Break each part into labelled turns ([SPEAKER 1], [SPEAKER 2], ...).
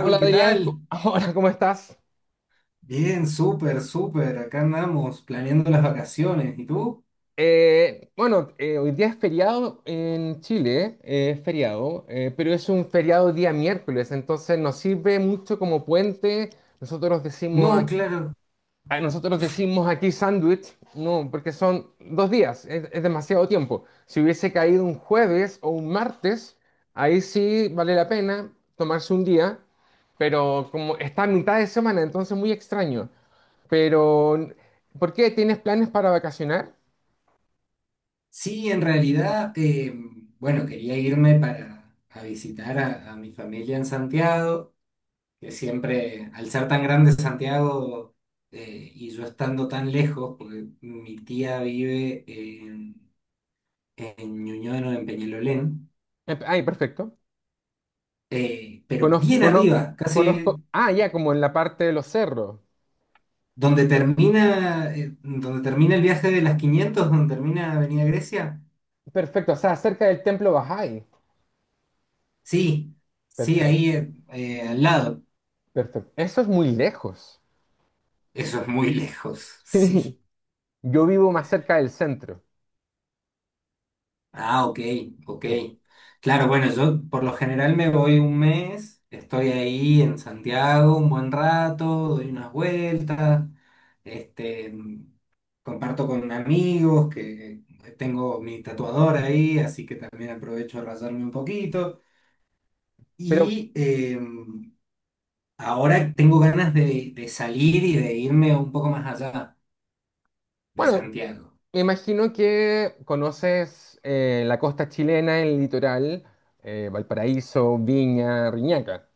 [SPEAKER 1] Hola
[SPEAKER 2] ¿qué
[SPEAKER 1] Adrián, Co-
[SPEAKER 2] tal?
[SPEAKER 1] hola, ¿cómo estás?
[SPEAKER 2] Bien, súper, súper. Acá andamos planeando las vacaciones. ¿Y tú?
[SPEAKER 1] Bueno, hoy día es feriado en Chile, es feriado, pero es un feriado día miércoles, entonces nos sirve mucho como puente. Nosotros decimos,
[SPEAKER 2] No, claro.
[SPEAKER 1] nosotros decimos aquí sándwich, no, porque son dos días, es demasiado tiempo. Si hubiese caído un jueves o un martes, ahí sí vale la pena tomarse un día, pero como está a mitad de semana, entonces muy extraño. Pero ¿por qué? ¿Tienes planes para vacacionar?
[SPEAKER 2] Sí, en realidad, bueno, quería irme para a visitar a mi familia en Santiago, que siempre, al ser tan grande Santiago, y yo estando tan lejos, porque mi tía vive en Ñuñoa, no, en Peñalolén,
[SPEAKER 1] Ay, perfecto.
[SPEAKER 2] pero
[SPEAKER 1] Conozco,
[SPEAKER 2] bien
[SPEAKER 1] conozco,
[SPEAKER 2] arriba, casi
[SPEAKER 1] conozco. Ah, ya, como en la parte de los cerros.
[SPEAKER 2] donde termina el viaje de las 500, donde termina Avenida Grecia,
[SPEAKER 1] Perfecto, o sea, cerca del templo Bahá'í.
[SPEAKER 2] sí, sí, ahí
[SPEAKER 1] Perfecto,
[SPEAKER 2] al lado.
[SPEAKER 1] perfecto. Eso es muy lejos.
[SPEAKER 2] Eso es muy lejos,
[SPEAKER 1] Sí.
[SPEAKER 2] sí.
[SPEAKER 1] Yo vivo más cerca del centro.
[SPEAKER 2] Ah, ok, ok.
[SPEAKER 1] Sí.
[SPEAKER 2] Claro, bueno, yo por lo general me voy un mes, estoy ahí en Santiago un buen rato, doy unas vueltas, este, comparto con amigos que tengo mi tatuador ahí, así que también aprovecho a rayarme un poquito.
[SPEAKER 1] Pero
[SPEAKER 2] Y em, Ahora tengo ganas de salir y de irme un poco más allá de
[SPEAKER 1] bueno,
[SPEAKER 2] Santiago.
[SPEAKER 1] me imagino que conoces la costa chilena, el litoral, Valparaíso, Viña, Riñaca.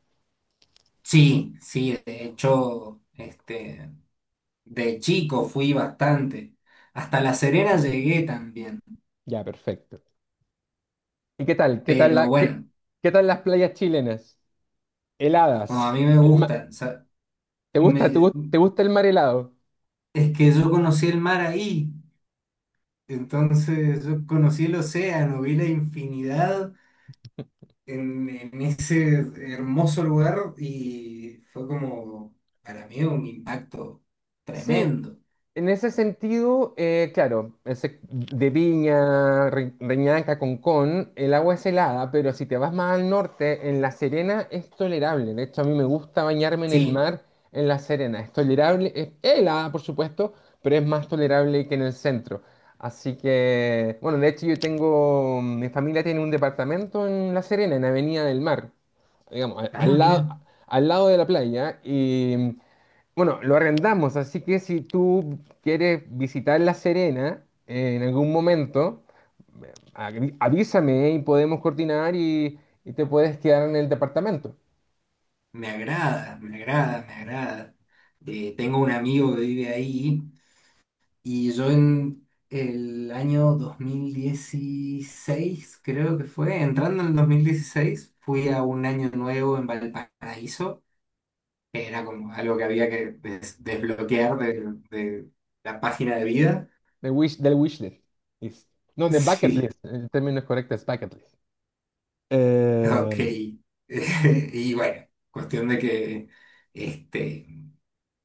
[SPEAKER 2] Sí, sí, de hecho, este, de chico fui bastante. Hasta La Serena llegué también.
[SPEAKER 1] Ya, perfecto. ¿Y qué tal?
[SPEAKER 2] Pero bueno,
[SPEAKER 1] ¿Qué tal las playas chilenas?
[SPEAKER 2] como a
[SPEAKER 1] Heladas.
[SPEAKER 2] mí me gusta, o sea,
[SPEAKER 1] ¿Te gusta,
[SPEAKER 2] me-
[SPEAKER 1] te gusta el mar helado?
[SPEAKER 2] es que yo conocí el mar ahí. Entonces yo conocí el océano, vi la infinidad en ese hermoso lugar y fue como, para mí, un impacto
[SPEAKER 1] Sí.
[SPEAKER 2] tremendo.
[SPEAKER 1] En ese sentido, claro, de Viña, Reñaca, Concón, el agua es helada, pero si te vas más al norte, en La Serena es tolerable. De hecho, a mí me gusta bañarme en el
[SPEAKER 2] Sí,
[SPEAKER 1] mar en La Serena. Es tolerable, es helada, por supuesto, pero es más tolerable que en el centro. Así que bueno, de hecho yo tengo, mi familia tiene un departamento en La Serena, en Avenida del Mar, digamos,
[SPEAKER 2] ah,
[SPEAKER 1] al
[SPEAKER 2] mira,
[SPEAKER 1] lado, al lado de la playa. Y bueno, lo arrendamos, así que si tú quieres visitar La Serena en algún momento, avísame y podemos coordinar y te puedes quedar en el departamento
[SPEAKER 2] me agrada, me agrada, me agrada. Tengo un amigo que vive ahí y yo en el año 2016 creo que fue, entrando en el 2016 fui a un año nuevo en Valparaíso, que era como algo que había que desbloquear de la página de vida.
[SPEAKER 1] de wish, del wish list. List. No, de bucket
[SPEAKER 2] Sí,
[SPEAKER 1] list. El término correcto es bucket list.
[SPEAKER 2] ok.
[SPEAKER 1] Eh,
[SPEAKER 2] Y bueno, cuestión de que, este,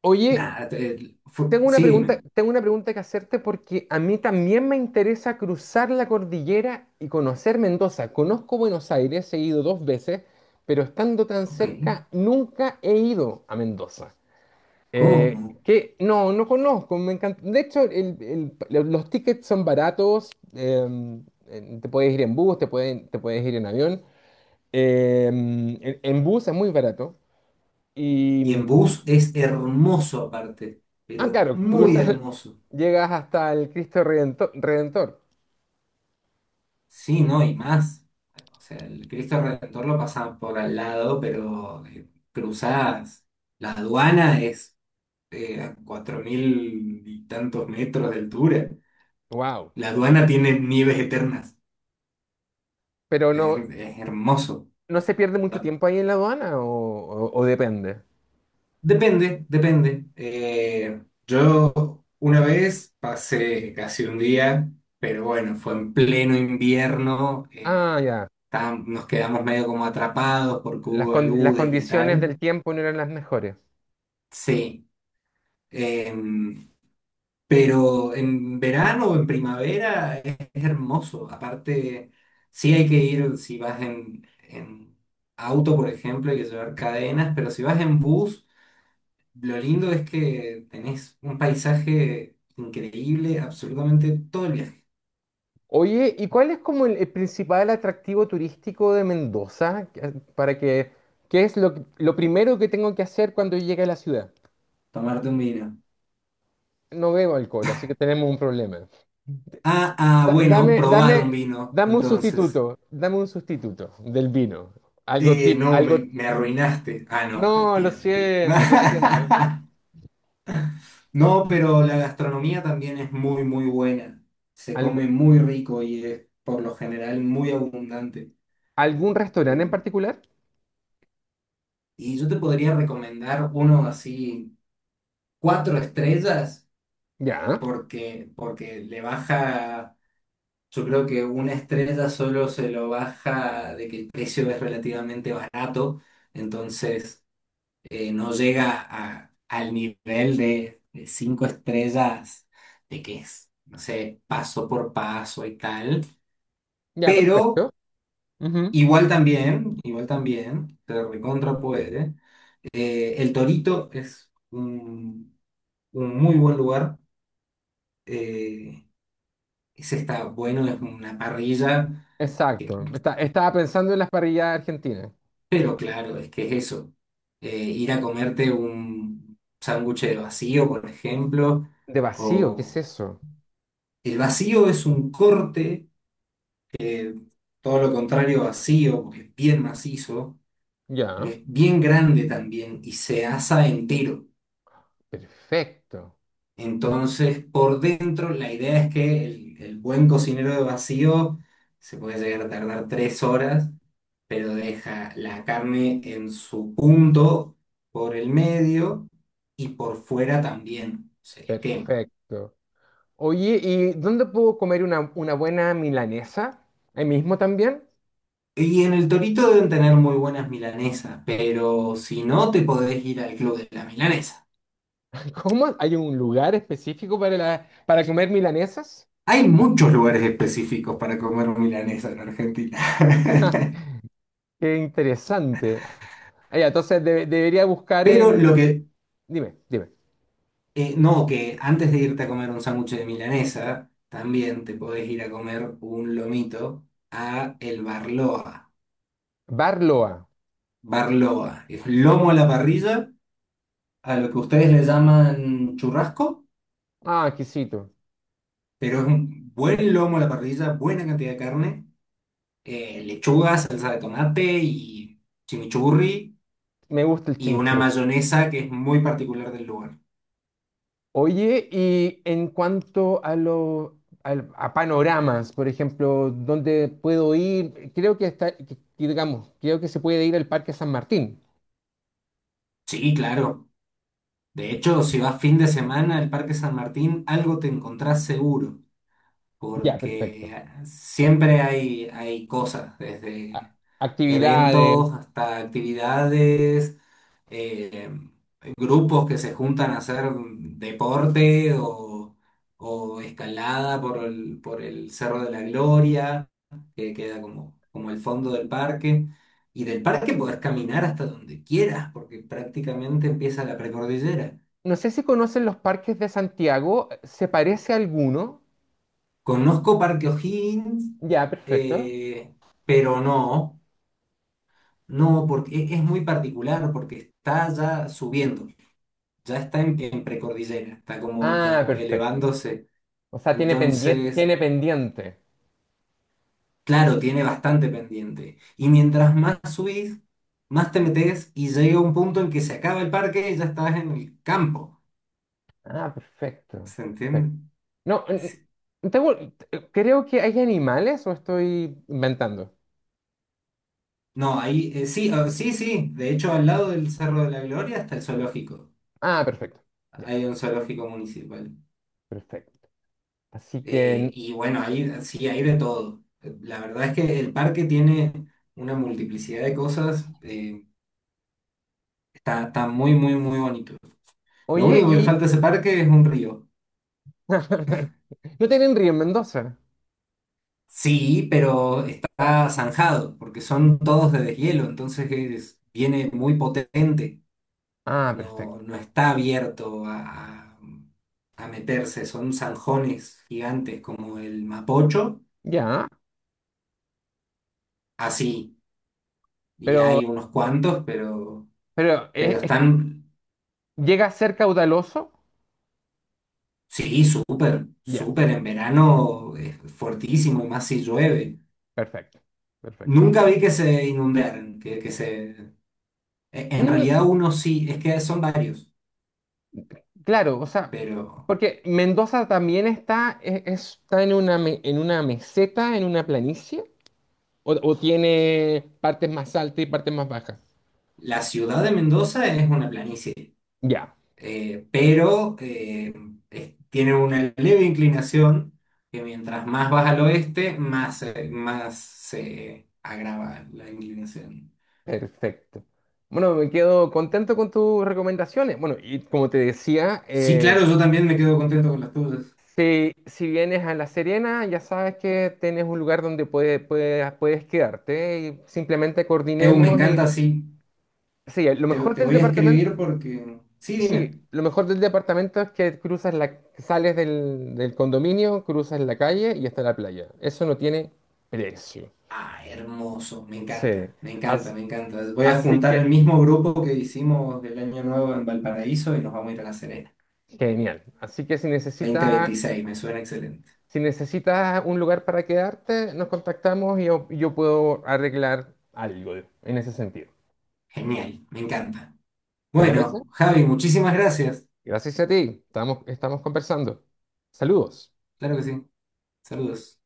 [SPEAKER 1] oye,
[SPEAKER 2] nada,
[SPEAKER 1] Tengo una
[SPEAKER 2] sí,
[SPEAKER 1] pregunta,
[SPEAKER 2] dime.
[SPEAKER 1] tengo una pregunta que hacerte porque a mí también me interesa cruzar la cordillera y conocer Mendoza. Conozco Buenos Aires, he ido dos veces, pero estando tan
[SPEAKER 2] Ok,
[SPEAKER 1] cerca, nunca he ido a Mendoza.
[SPEAKER 2] ¿cómo?
[SPEAKER 1] Que no, no conozco, me encanta. De hecho, los tickets son baratos, te puedes ir en bus, te puedes ir en avión. En bus es muy barato.
[SPEAKER 2] Y en bus es hermoso aparte,
[SPEAKER 1] Ah,
[SPEAKER 2] pero
[SPEAKER 1] claro,
[SPEAKER 2] muy
[SPEAKER 1] cruzas,
[SPEAKER 2] hermoso.
[SPEAKER 1] llegas hasta el Cristo Redentor.
[SPEAKER 2] Sí, no, y más. O sea, el Cristo Redentor lo pasan por al lado, pero cruzadas. La aduana es a 4.000 y tantos metros de altura.
[SPEAKER 1] Wow.
[SPEAKER 2] La aduana tiene nieves eternas.
[SPEAKER 1] Pero
[SPEAKER 2] Es,
[SPEAKER 1] no,
[SPEAKER 2] es hermoso.
[SPEAKER 1] no se pierde mucho tiempo ahí en la aduana o, o depende.
[SPEAKER 2] Depende, depende. Yo una vez pasé casi un día, pero bueno, fue en pleno invierno,
[SPEAKER 1] Ah, ya.
[SPEAKER 2] nos quedamos medio como atrapados porque
[SPEAKER 1] Las,
[SPEAKER 2] hubo
[SPEAKER 1] con- las
[SPEAKER 2] aludes y
[SPEAKER 1] condiciones
[SPEAKER 2] tal.
[SPEAKER 1] del tiempo no eran las mejores.
[SPEAKER 2] Sí, em, pero en verano o en primavera es hermoso. Aparte, sí hay que ir si vas en auto, por ejemplo, hay que llevar cadenas, pero si vas en bus. Lo lindo es que tenés un paisaje increíble absolutamente todo el viaje.
[SPEAKER 1] Oye, ¿y cuál es como el principal atractivo turístico de Mendoza? Para que, ¿lo primero que tengo que hacer cuando llegue a la ciudad?
[SPEAKER 2] Tomarte un vino.
[SPEAKER 1] No bebo alcohol, así que tenemos un problema.
[SPEAKER 2] Ah, ah,
[SPEAKER 1] Da-
[SPEAKER 2] bueno,
[SPEAKER 1] Dame,
[SPEAKER 2] probar un
[SPEAKER 1] dame,
[SPEAKER 2] vino,
[SPEAKER 1] dame un
[SPEAKER 2] entonces.
[SPEAKER 1] sustituto, dame un sustituto del vino. Algo tip,
[SPEAKER 2] No, me,
[SPEAKER 1] algo.
[SPEAKER 2] me arruinaste. Ah, no,
[SPEAKER 1] No, lo
[SPEAKER 2] mentira, mentira.
[SPEAKER 1] siento, lo siento.
[SPEAKER 2] No, pero la gastronomía también es muy, muy buena. Se
[SPEAKER 1] Algo-
[SPEAKER 2] come muy rico y es por lo general muy abundante.
[SPEAKER 1] ¿Algún restaurante en
[SPEAKER 2] Eh,
[SPEAKER 1] particular?
[SPEAKER 2] y yo te podría recomendar uno así, cuatro estrellas,
[SPEAKER 1] Ya,
[SPEAKER 2] porque le baja. Yo creo que una estrella solo se lo baja de que el precio es relativamente barato, entonces no llega al nivel de cinco estrellas, de que es, no sé, paso por paso y tal.
[SPEAKER 1] ya,
[SPEAKER 2] Pero
[SPEAKER 1] perfecto. Ujú.
[SPEAKER 2] igual también, se recontra puede. El Torito es un muy buen lugar. eh, Ese está bueno, es una parrilla.
[SPEAKER 1] Exacto. Estaba pensando en las parrillas argentinas.
[SPEAKER 2] Pero claro, es que es eso. Ir a comerte un sándwich de vacío, por ejemplo,
[SPEAKER 1] De vacío, ¿qué es
[SPEAKER 2] o
[SPEAKER 1] eso?
[SPEAKER 2] el vacío es un corte, todo lo contrario a vacío, porque es bien macizo, pero
[SPEAKER 1] Ya,
[SPEAKER 2] es bien grande también y se asa entero.
[SPEAKER 1] perfecto,
[SPEAKER 2] Entonces, por dentro, la idea es que el buen cocinero de vacío se puede llegar a tardar 3 horas, pero deja la carne en su punto por el medio y por fuera también se le quema.
[SPEAKER 1] perfecto. Oye, ¿y dónde puedo comer una buena milanesa? ¿Ahí mismo también?
[SPEAKER 2] Y en el Torito deben tener muy buenas milanesas, pero si no, te podés ir al Club de la Milanesa.
[SPEAKER 1] ¿Cómo? ¿Hay un lugar específico para, la, para comer milanesas?
[SPEAKER 2] Hay muchos lugares específicos para comer milanesa en Argentina.
[SPEAKER 1] Qué interesante. Ah, ya, entonces debería buscar
[SPEAKER 2] Pero lo
[SPEAKER 1] en...
[SPEAKER 2] que,
[SPEAKER 1] Dime, dime.
[SPEAKER 2] no, que antes de irte a comer un sándwich de milanesa, también te podés ir a comer un lomito a El Barloa.
[SPEAKER 1] Barloa.
[SPEAKER 2] Barloa. Es lomo a la parrilla, a lo que ustedes le llaman churrasco,
[SPEAKER 1] Ah, exquisito.
[SPEAKER 2] pero es un buen lomo a la parrilla, buena cantidad de carne, lechuga, salsa de tomate y chimichurri
[SPEAKER 1] Me gusta el
[SPEAKER 2] y una
[SPEAKER 1] chimichurri.
[SPEAKER 2] mayonesa que es muy particular del lugar.
[SPEAKER 1] Oye, y en cuanto a los a panoramas, por ejemplo, ¿dónde puedo ir? Creo que está, que digamos, creo que se puede ir al Parque San Martín.
[SPEAKER 2] Sí, claro. De hecho, si vas fin de semana al Parque San Martín, algo te encontrás seguro,
[SPEAKER 1] Ya, perfecto.
[SPEAKER 2] porque siempre hay cosas, desde
[SPEAKER 1] A- Actividades.
[SPEAKER 2] eventos, hasta actividades, eh, grupos que se juntan a hacer deporte o escalada por el Cerro de la Gloria, que queda como, el fondo del parque. Y del parque podés caminar hasta donde quieras, porque prácticamente empieza la precordillera.
[SPEAKER 1] No sé si conocen los parques de Santiago, ¿se parece a alguno?
[SPEAKER 2] Conozco Parque O'Higgins,
[SPEAKER 1] Ya, perfecto.
[SPEAKER 2] eh, pero no, no, porque es muy particular, porque está ya subiendo. Ya está en precordillera, está como,
[SPEAKER 1] Ah,
[SPEAKER 2] como
[SPEAKER 1] perfecto.
[SPEAKER 2] elevándose.
[SPEAKER 1] O sea, tiene pendiente,
[SPEAKER 2] Entonces,
[SPEAKER 1] tiene pendiente.
[SPEAKER 2] claro, tiene bastante pendiente. Y mientras más subís, más te metes y llega un punto en que se acaba el parque y ya estás en el campo.
[SPEAKER 1] Ah, perfecto.
[SPEAKER 2] ¿Se
[SPEAKER 1] Perfecto.
[SPEAKER 2] entiende?
[SPEAKER 1] No, n-
[SPEAKER 2] Sí.
[SPEAKER 1] tengo- creo que hay animales o estoy inventando.
[SPEAKER 2] No, ahí, sí, ah, sí, sí. De hecho, al lado del Cerro de la Gloria está el zoológico.
[SPEAKER 1] Ah, perfecto. Ya,
[SPEAKER 2] Hay un zoológico municipal.
[SPEAKER 1] perfecto. Así que
[SPEAKER 2] Y bueno, ahí sí, hay de todo. La verdad es que el parque tiene una multiplicidad de cosas. Está muy, muy, muy bonito. Lo
[SPEAKER 1] oye,
[SPEAKER 2] único que le
[SPEAKER 1] y
[SPEAKER 2] falta a ese parque es un río.
[SPEAKER 1] no tienen río en Mendoza.
[SPEAKER 2] Sí, pero está zanjado, porque son todos de deshielo, entonces viene muy potente.
[SPEAKER 1] Ah,
[SPEAKER 2] No,
[SPEAKER 1] perfecto.
[SPEAKER 2] no está abierto a, meterse, son zanjones gigantes como el Mapocho,
[SPEAKER 1] Ya,
[SPEAKER 2] así. Y
[SPEAKER 1] pero,
[SPEAKER 2] hay unos cuantos, pero,
[SPEAKER 1] pero
[SPEAKER 2] pero están,
[SPEAKER 1] llega a ser caudaloso.
[SPEAKER 2] sí, súper,
[SPEAKER 1] Ya,
[SPEAKER 2] súper en verano, es fortísimo, y más si llueve.
[SPEAKER 1] perfecto. Perfecto.
[SPEAKER 2] Nunca vi que se inundaran. En
[SPEAKER 1] Mm,
[SPEAKER 2] realidad uno sí, es que son varios,
[SPEAKER 1] claro, o sea,
[SPEAKER 2] pero
[SPEAKER 1] porque Mendoza también está, está en una, en una meseta, en una planicie, o tiene partes más altas y partes más bajas.
[SPEAKER 2] la ciudad de Mendoza es una planicie,
[SPEAKER 1] Ya,
[SPEAKER 2] pero tiene una leve inclinación que mientras más vas al oeste, más se agrava la inclinación.
[SPEAKER 1] perfecto. Bueno, me quedo contento con tus recomendaciones. Bueno, y como te decía,
[SPEAKER 2] Sí, claro, yo también me quedo contento con las tuyas.
[SPEAKER 1] si, si vienes a La Serena, ya sabes que tienes un lugar donde puedes quedarte y simplemente
[SPEAKER 2] Me
[SPEAKER 1] coordinemos y...
[SPEAKER 2] encanta, sí.
[SPEAKER 1] Sí, lo
[SPEAKER 2] Te,
[SPEAKER 1] mejor
[SPEAKER 2] te
[SPEAKER 1] del
[SPEAKER 2] voy a
[SPEAKER 1] departamento.
[SPEAKER 2] escribir porque. Sí, dime.
[SPEAKER 1] Sí, lo mejor del departamento es que cruzas la, sales del, del condominio, cruzas la calle y está la playa. Eso no tiene precio.
[SPEAKER 2] Ah, hermoso, me
[SPEAKER 1] Sí,
[SPEAKER 2] encanta, me encanta,
[SPEAKER 1] as-
[SPEAKER 2] me encanta. Voy a
[SPEAKER 1] así
[SPEAKER 2] juntar
[SPEAKER 1] que
[SPEAKER 2] el mismo grupo que hicimos del año nuevo en Valparaíso y nos vamos a ir a La Serena.
[SPEAKER 1] genial. Así que si
[SPEAKER 2] dos mil
[SPEAKER 1] necesitas,
[SPEAKER 2] veintiséis, me suena excelente.
[SPEAKER 1] si necesitas un lugar para quedarte, nos contactamos y yo puedo arreglar algo en ese sentido.
[SPEAKER 2] Genial, me encanta.
[SPEAKER 1] ¿Te parece?
[SPEAKER 2] Bueno, Javi, muchísimas gracias.
[SPEAKER 1] Gracias a ti. Estamos, estamos conversando. Saludos.
[SPEAKER 2] Claro que sí. Saludos.